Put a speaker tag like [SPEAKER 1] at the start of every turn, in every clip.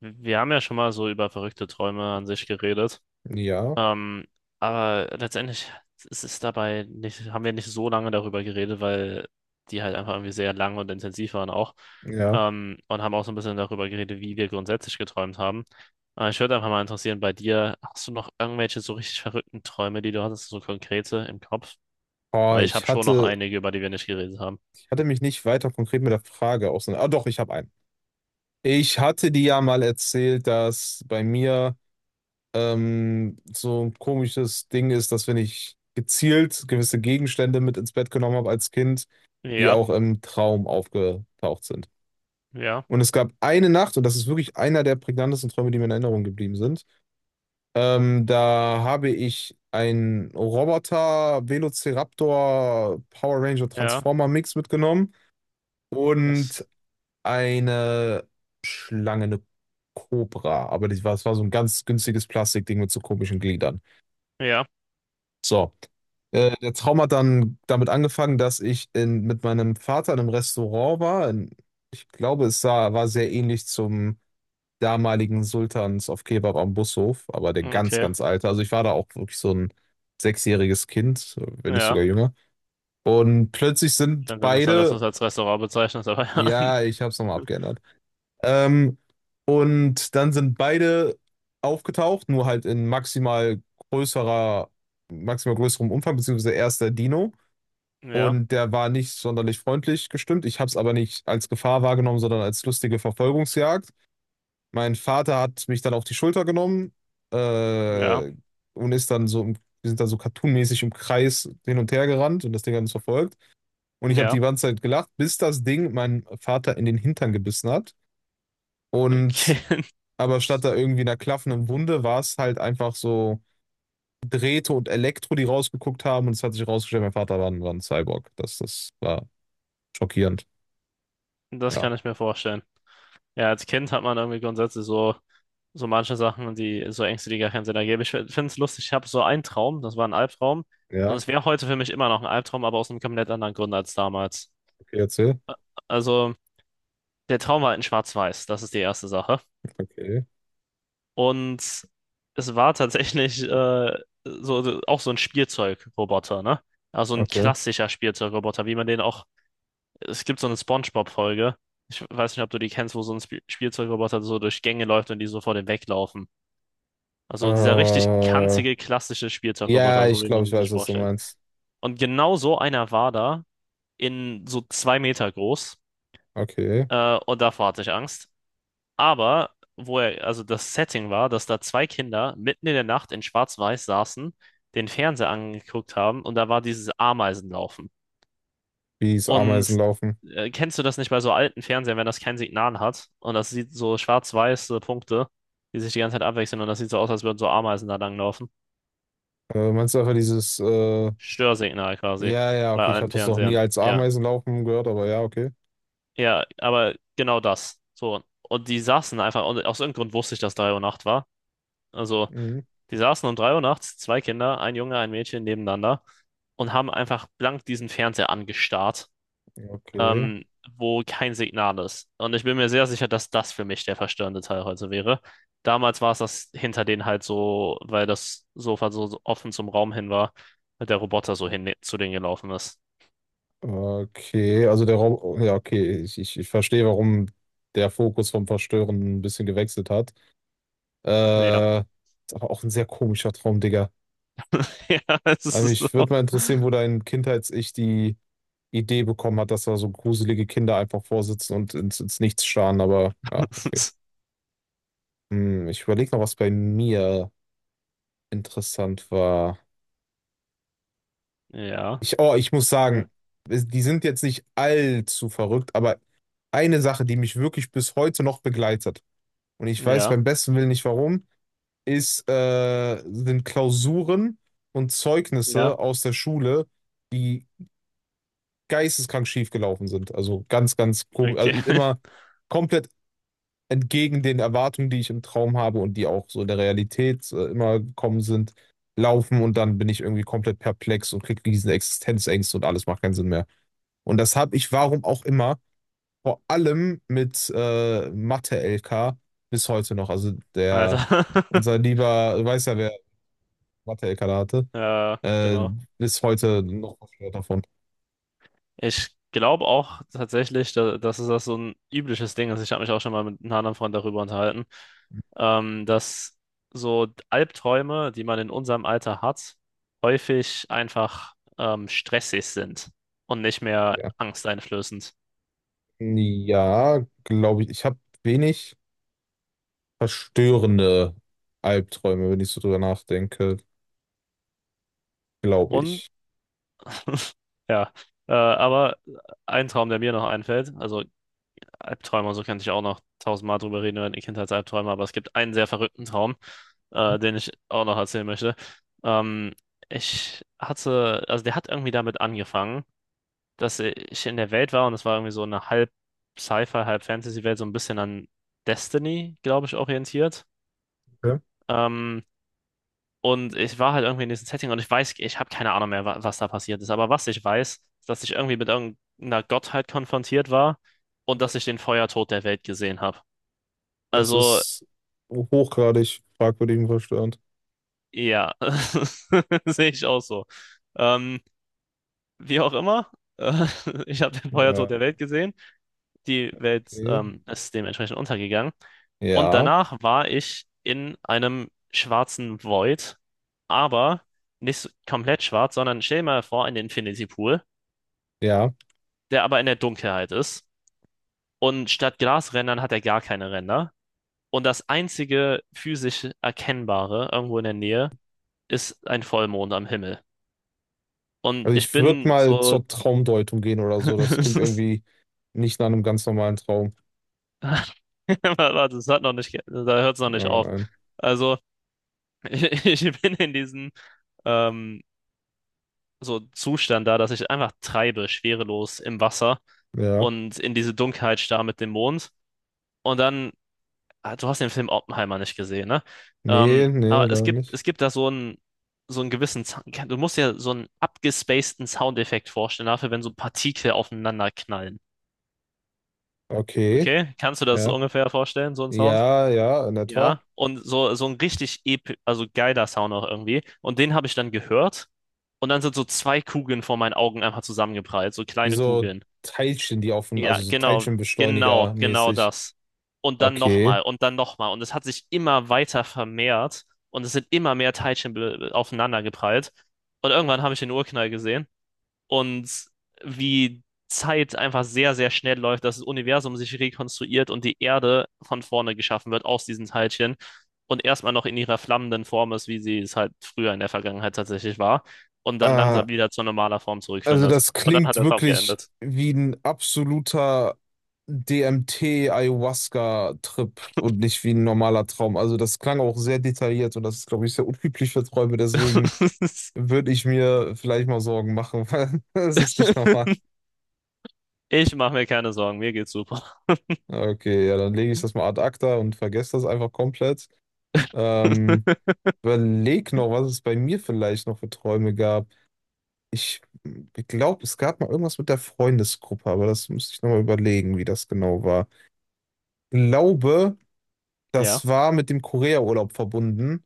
[SPEAKER 1] Wir haben ja schon mal so über verrückte Träume an sich geredet.
[SPEAKER 2] Ja,
[SPEAKER 1] Ähm, aber letztendlich ist es dabei nicht, haben wir nicht so lange darüber geredet, weil die halt einfach irgendwie sehr lang und intensiv waren auch.
[SPEAKER 2] ja.
[SPEAKER 1] Und haben auch so ein bisschen darüber geredet, wie wir grundsätzlich geträumt haben. Aber ich würde einfach mal interessieren, bei dir, hast du noch irgendwelche so richtig verrückten Träume, die du hattest, so konkrete im Kopf?
[SPEAKER 2] Oh,
[SPEAKER 1] Weil ich
[SPEAKER 2] ich
[SPEAKER 1] habe schon noch
[SPEAKER 2] hatte,
[SPEAKER 1] einige, über die wir nicht geredet haben.
[SPEAKER 2] ich hatte mich nicht weiter konkret mit der Frage auseinander. Ah, doch, ich habe einen. Ich hatte dir ja mal erzählt, dass bei mir so ein komisches Ding ist, dass wenn ich gezielt gewisse Gegenstände mit ins Bett genommen habe als Kind, die
[SPEAKER 1] Ja,
[SPEAKER 2] auch im Traum aufgetaucht sind.
[SPEAKER 1] ja,
[SPEAKER 2] Und es gab eine Nacht, und das ist wirklich einer der prägnantesten Träume, die mir in Erinnerung geblieben sind. Da habe ich einen Roboter Velociraptor Power Ranger
[SPEAKER 1] ja,
[SPEAKER 2] Transformer Mix mitgenommen und
[SPEAKER 1] das,
[SPEAKER 2] eine Schlange, eine Cobra. Aber das war so ein ganz günstiges Plastikding mit so komischen Gliedern.
[SPEAKER 1] ja,
[SPEAKER 2] So. Der Traum hat dann damit angefangen, dass ich in, mit meinem Vater in einem Restaurant war. In, ich glaube, es sah, war sehr ähnlich zum damaligen Sultans auf Kebab am Bushof, aber der ganz,
[SPEAKER 1] okay,
[SPEAKER 2] ganz alte. Also ich war da auch wirklich so ein sechsjähriges Kind, wenn nicht
[SPEAKER 1] ja.
[SPEAKER 2] sogar jünger. Und plötzlich sind
[SPEAKER 1] Ganz interessant, dass du es
[SPEAKER 2] beide,
[SPEAKER 1] als Restaurant bezeichnest, aber ja.
[SPEAKER 2] ja, ich habe es nochmal abgeändert. Ähm, und dann sind beide aufgetaucht, nur halt in maximal größerer, maximal größerem Umfang, beziehungsweise erst der Dino.
[SPEAKER 1] Ja,
[SPEAKER 2] Und der war nicht sonderlich freundlich gestimmt. Ich habe es aber nicht als Gefahr wahrgenommen, sondern als lustige Verfolgungsjagd. Mein Vater hat mich dann auf die Schulter genommen
[SPEAKER 1] ja,
[SPEAKER 2] äh, und ist dann so, wir sind dann so cartoonmäßig im Kreis hin und her gerannt und das Ding hat uns verfolgt. Und ich habe die
[SPEAKER 1] ja.
[SPEAKER 2] ganze Zeit gelacht, bis das Ding meinen Vater in den Hintern gebissen hat. Und
[SPEAKER 1] Okay,
[SPEAKER 2] aber statt da irgendwie einer klaffenden Wunde war es halt einfach so Drähte und Elektro, die rausgeguckt haben. Und es hat sich rausgestellt, mein Vater war ein Cyborg. Das war schockierend.
[SPEAKER 1] das
[SPEAKER 2] Ja.
[SPEAKER 1] kann ich mir vorstellen. Ja, als Kind hat man irgendwie grundsätzlich so, so manche Sachen, die so Ängste, die gar keinen Sinn ergeben. Ich finde es lustig, ich habe so einen Traum, das war ein Albtraum. Und
[SPEAKER 2] Ja,
[SPEAKER 1] es wäre heute für mich immer noch ein Albtraum, aber aus einem komplett anderen Grund als damals.
[SPEAKER 2] okay, erzähl.
[SPEAKER 1] Also, der Traum war halt in Schwarz-Weiß, das ist die erste Sache.
[SPEAKER 2] Okay,
[SPEAKER 1] Und es war tatsächlich so, auch so ein Spielzeugroboter, ne? Also ein
[SPEAKER 2] okay.
[SPEAKER 1] klassischer Spielzeugroboter, wie man den auch. Es gibt so eine SpongeBob-Folge. Ich weiß nicht, ob du die kennst, wo so ein Spielzeugroboter so durch Gänge läuft und die so vor dem weglaufen. Also dieser richtig
[SPEAKER 2] Äh,
[SPEAKER 1] kanzige klassische
[SPEAKER 2] ja,
[SPEAKER 1] Spielzeugroboter, so
[SPEAKER 2] ich
[SPEAKER 1] wie
[SPEAKER 2] glaube,
[SPEAKER 1] man
[SPEAKER 2] ich
[SPEAKER 1] ihn sich
[SPEAKER 2] weiß, was du
[SPEAKER 1] vorstellt.
[SPEAKER 2] meinst.
[SPEAKER 1] Und genau so einer war da, in so 2 Meter groß.
[SPEAKER 2] Okay.
[SPEAKER 1] Und davor hatte ich Angst. Aber wo er, also das Setting war, dass da zwei Kinder mitten in der Nacht in Schwarz-Weiß saßen, den Fernseher angeguckt haben und da war dieses Ameisenlaufen.
[SPEAKER 2] Wie es Ameisen
[SPEAKER 1] Und
[SPEAKER 2] laufen.
[SPEAKER 1] kennst du das nicht bei so alten Fernsehern, wenn das kein Signal hat? Und das sieht so schwarz-weiße Punkte, die sich die ganze Zeit abwechseln und das sieht so aus, als würden so Ameisen da langlaufen.
[SPEAKER 2] Meinst du einfach dieses,
[SPEAKER 1] Störsignal quasi
[SPEAKER 2] ja, ja,
[SPEAKER 1] bei
[SPEAKER 2] okay, ich habe
[SPEAKER 1] alten
[SPEAKER 2] das noch nie
[SPEAKER 1] Fernsehern.
[SPEAKER 2] als
[SPEAKER 1] Ja,
[SPEAKER 2] Ameisen laufen gehört, aber ja, okay.
[SPEAKER 1] ja, aber genau das. So. Und die saßen einfach, und aus irgendeinem Grund wusste ich, dass 3 Uhr Nacht war. Also,
[SPEAKER 2] Mhm.
[SPEAKER 1] die saßen um 3 Uhr nachts, zwei Kinder, ein Junge, ein Mädchen nebeneinander und haben einfach blank diesen Fernseher angestarrt,
[SPEAKER 2] Okay.
[SPEAKER 1] ähm, wo kein Signal ist. Und ich bin mir sehr sicher, dass das für mich der verstörende Teil heute wäre. Damals war es das hinter denen halt so, weil das Sofa so offen zum Raum hin war, weil der Roboter so hin zu denen gelaufen ist.
[SPEAKER 2] Okay, also der Rob, ja, okay, ich verstehe, warum der Fokus vom Verstören ein bisschen gewechselt hat.
[SPEAKER 1] Ja,
[SPEAKER 2] Ist aber auch ein sehr komischer Traum, Digga.
[SPEAKER 1] ja, es
[SPEAKER 2] Aber
[SPEAKER 1] ist so.
[SPEAKER 2] mich würde mal interessieren, wo dein Kindheits-Ich die Idee bekommen hat, dass da so gruselige Kinder einfach vorsitzen und ins, ins Nichts starren, aber ja, okay. Hm, ich überlege noch was bei mir interessant war.
[SPEAKER 1] Ja,
[SPEAKER 2] Ich, oh, ich muss
[SPEAKER 1] ja,
[SPEAKER 2] sagen, es- die sind jetzt nicht allzu verrückt, aber eine Sache, die mich wirklich bis heute noch begleitet, und ich weiß
[SPEAKER 1] ja,
[SPEAKER 2] beim besten Willen nicht warum, ist, sind Klausuren und
[SPEAKER 1] ja,
[SPEAKER 2] Zeugnisse aus der Schule, die geisteskrank schief gelaufen sind. Also ganz, ganz komisch, also
[SPEAKER 1] okay.
[SPEAKER 2] immer komplett entgegen den Erwartungen, die ich im Traum habe und die auch so in der Realität immer gekommen sind, laufen und dann bin ich irgendwie komplett perplex und kriege riesen Existenzängste und alles macht keinen Sinn mehr. Und das habe ich, warum auch immer, vor allem mit Mathe-LK bis heute noch. Also
[SPEAKER 1] Also,
[SPEAKER 2] der, unser lieber, du weißt ja, wer Mathe-LK da hatte,
[SPEAKER 1] ja,
[SPEAKER 2] äh,
[SPEAKER 1] genau.
[SPEAKER 2] bis heute noch verstört davon.
[SPEAKER 1] Ich glaube auch tatsächlich, da, das ist das so ein übliches Ding ist. Ich habe mich auch schon mal mit einem anderen Freund darüber unterhalten, dass so Albträume, die man in unserem Alter hat, häufig einfach stressig sind und nicht mehr
[SPEAKER 2] Ja,
[SPEAKER 1] angsteinflößend.
[SPEAKER 2] ja glaube ich. Ich habe wenig verstörende Albträume, wenn ich so drüber nachdenke, glaube
[SPEAKER 1] Und
[SPEAKER 2] ich.
[SPEAKER 1] ja, aber ein Traum, der mir noch einfällt, also Albträume, so könnte ich auch noch tausendmal drüber reden über die Kindheitsalbträume, aber es gibt einen sehr verrückten Traum, den ich auch noch erzählen möchte. Ähm, Ich hatte, also der hat irgendwie damit angefangen, dass ich in der Welt war und es war irgendwie so eine halb Sci-Fi, halb Fantasy-Welt, so ein bisschen an Destiny, glaube ich, orientiert.
[SPEAKER 2] Okay.
[SPEAKER 1] Ähm, und ich war halt irgendwie in diesem Setting und ich weiß, ich habe keine Ahnung mehr, wa was da passiert ist, aber was ich weiß, ist, dass ich irgendwie mit irgendeiner Gottheit konfrontiert war und dass ich den Feuertod der Welt gesehen habe.
[SPEAKER 2] Das
[SPEAKER 1] Also,
[SPEAKER 2] ist hochgradig fragwürdig und verstörend.
[SPEAKER 1] ja, sehe ich auch so. Ähm, Wie auch immer, äh, ich habe den Feuertod
[SPEAKER 2] Ja,
[SPEAKER 1] der Welt gesehen. Die Welt
[SPEAKER 2] okay.
[SPEAKER 1] ist dementsprechend untergegangen. Und
[SPEAKER 2] Ja,
[SPEAKER 1] danach war ich in einem schwarzen Void, aber nicht so- komplett schwarz, sondern stell dir mal vor, ein Infinity Pool,
[SPEAKER 2] ja.
[SPEAKER 1] der aber in der Dunkelheit ist. Und statt Glasrändern hat er gar keine Ränder. Und das einzige physisch Erkennbare irgendwo in der Nähe ist ein Vollmond am Himmel. Und
[SPEAKER 2] Also
[SPEAKER 1] ich
[SPEAKER 2] ich würde
[SPEAKER 1] bin
[SPEAKER 2] mal
[SPEAKER 1] so,
[SPEAKER 2] zur Traumdeutung gehen oder so. Das klingt irgendwie nicht nach einem ganz normalen Traum.
[SPEAKER 1] warte, das hat noch nicht, ge- da hört es noch nicht
[SPEAKER 2] Aber
[SPEAKER 1] auf.
[SPEAKER 2] nein.
[SPEAKER 1] Also, ich, ich bin in diesem ähm, so Zustand da, dass ich einfach treibe, schwerelos im Wasser
[SPEAKER 2] Ja.
[SPEAKER 1] und in diese Dunkelheit starr mit dem Mond. Und dann, ah, du hast den Film Oppenheimer nicht gesehen, ne?
[SPEAKER 2] Nee, nee,
[SPEAKER 1] Aber
[SPEAKER 2] leider nicht.
[SPEAKER 1] es gibt da so einen gewissen, du musst dir so einen abgespaceden Soundeffekt vorstellen, dafür, wenn so Partikel aufeinander knallen.
[SPEAKER 2] Okay.
[SPEAKER 1] Okay? Kannst du das
[SPEAKER 2] Ja.
[SPEAKER 1] ungefähr vorstellen, so einen Sound?
[SPEAKER 2] Ja, ja, in etwa.
[SPEAKER 1] Ja, und so, so ein richtig ep also geiler Sound auch irgendwie. Und den habe ich dann gehört. Und dann sind so zwei Kugeln vor meinen Augen einfach zusammengeprallt, so
[SPEAKER 2] Wie
[SPEAKER 1] kleine
[SPEAKER 2] so
[SPEAKER 1] Kugeln.
[SPEAKER 2] Teilchen, die auf dem,
[SPEAKER 1] Ja,
[SPEAKER 2] also so
[SPEAKER 1] genau, genau,
[SPEAKER 2] Teilchenbeschleuniger
[SPEAKER 1] genau
[SPEAKER 2] mäßig.
[SPEAKER 1] das. Und dann
[SPEAKER 2] Okay.
[SPEAKER 1] nochmal und dann nochmal. Und es hat sich immer weiter vermehrt und es sind immer mehr Teilchen aufeinander geprallt. Und irgendwann habe ich den Urknall gesehen und wie Zeit einfach sehr, sehr schnell läuft, dass das Universum sich rekonstruiert und die Erde von vorne geschaffen wird aus diesen Teilchen und erstmal noch in ihrer flammenden Form ist, wie sie es halt früher in der Vergangenheit tatsächlich war und dann
[SPEAKER 2] Äh,
[SPEAKER 1] langsam wieder zur normaler Form
[SPEAKER 2] also
[SPEAKER 1] zurückfindet.
[SPEAKER 2] das
[SPEAKER 1] Und dann hat
[SPEAKER 2] klingt
[SPEAKER 1] der Traum
[SPEAKER 2] wirklich
[SPEAKER 1] geendet.
[SPEAKER 2] wie ein absoluter DMT-Ayahuasca-Trip und nicht wie ein normaler Traum. Also das klang auch sehr detailliert und das ist, glaube ich, sehr unüblich für Träume. Deswegen würde ich mir vielleicht mal Sorgen machen, weil das ist nicht normal.
[SPEAKER 1] Ich mache mir keine Sorgen, mir geht's super.
[SPEAKER 2] Okay, ja, dann lege ich das mal ad acta und vergesse das einfach komplett. Ähm, Überleg noch, was es bei mir vielleicht noch für Träume gab. Ich glaube, es gab mal irgendwas mit der Freundesgruppe, aber das müsste ich nochmal überlegen, wie das genau war. Glaube,
[SPEAKER 1] Ja,
[SPEAKER 2] das war mit dem Korea-Urlaub verbunden.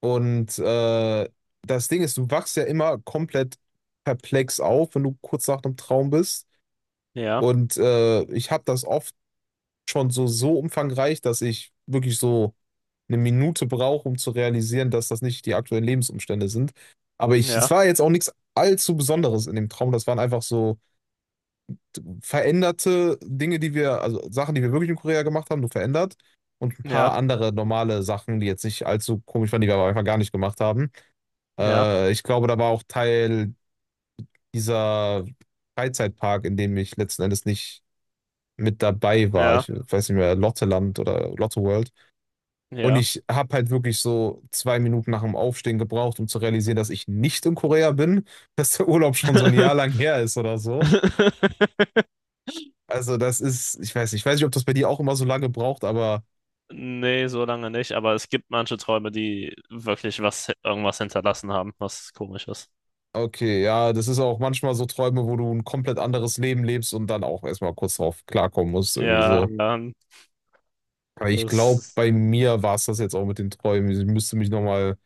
[SPEAKER 2] Und das Ding ist, du wachst ja immer komplett perplex auf, wenn du kurz nach einem Traum bist.
[SPEAKER 1] ja,
[SPEAKER 2] Und ich habe das oft schon so, so umfangreich, dass ich wirklich so 1 Minute brauche, um zu realisieren, dass das nicht die aktuellen Lebensumstände sind. Aber ich, es
[SPEAKER 1] ja,
[SPEAKER 2] war jetzt auch nichts allzu Besonderes in dem Traum. Das waren einfach so veränderte Dinge, die wir, also Sachen, die wir wirklich in Korea gemacht haben, nur verändert. Und ein paar
[SPEAKER 1] ja,
[SPEAKER 2] andere normale Sachen, die jetzt nicht allzu komisch waren, die wir aber einfach gar nicht gemacht haben.
[SPEAKER 1] ja,
[SPEAKER 2] Ich glaube, da war auch Teil dieser Freizeitpark, in dem ich letzten Endes nicht mit dabei war.
[SPEAKER 1] ja,
[SPEAKER 2] Ich weiß nicht mehr, Lotteland oder Lotte World. Und
[SPEAKER 1] ja.
[SPEAKER 2] ich habe halt wirklich so 2 Minuten nach dem Aufstehen gebraucht, um zu realisieren, dass ich nicht in Korea bin, dass der Urlaub schon so ein Jahr lang her ist oder so. Also das ist, ich weiß nicht, ob das bei dir auch immer so lange braucht, aber
[SPEAKER 1] Nee, so lange nicht, aber es gibt manche Träume, die wirklich was, irgendwas hinterlassen haben, was komisch ist.
[SPEAKER 2] okay, ja, das ist auch manchmal so Träume, wo du ein komplett anderes Leben lebst und dann auch erstmal kurz drauf klarkommen musst, irgendwie
[SPEAKER 1] Ja,
[SPEAKER 2] so. Aber ich
[SPEAKER 1] das
[SPEAKER 2] glaube,
[SPEAKER 1] ist,
[SPEAKER 2] bei mir war es das jetzt auch mit den Träumen. Ich müsste mich nochmal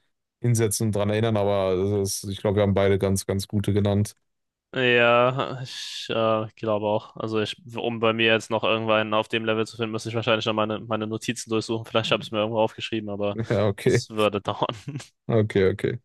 [SPEAKER 2] hinsetzen und dran erinnern, aber das ist, ich glaube, wir haben beide ganz, ganz gute genannt.
[SPEAKER 1] ja, ich glaube auch. Also ich, um bei mir jetzt noch irgendwann auf dem Level zu finden, müsste ich wahrscheinlich noch meine, meine Notizen durchsuchen. Vielleicht habe ich es mir irgendwo aufgeschrieben, aber
[SPEAKER 2] Ja, okay.
[SPEAKER 1] es würde dauern.
[SPEAKER 2] Okay, okay.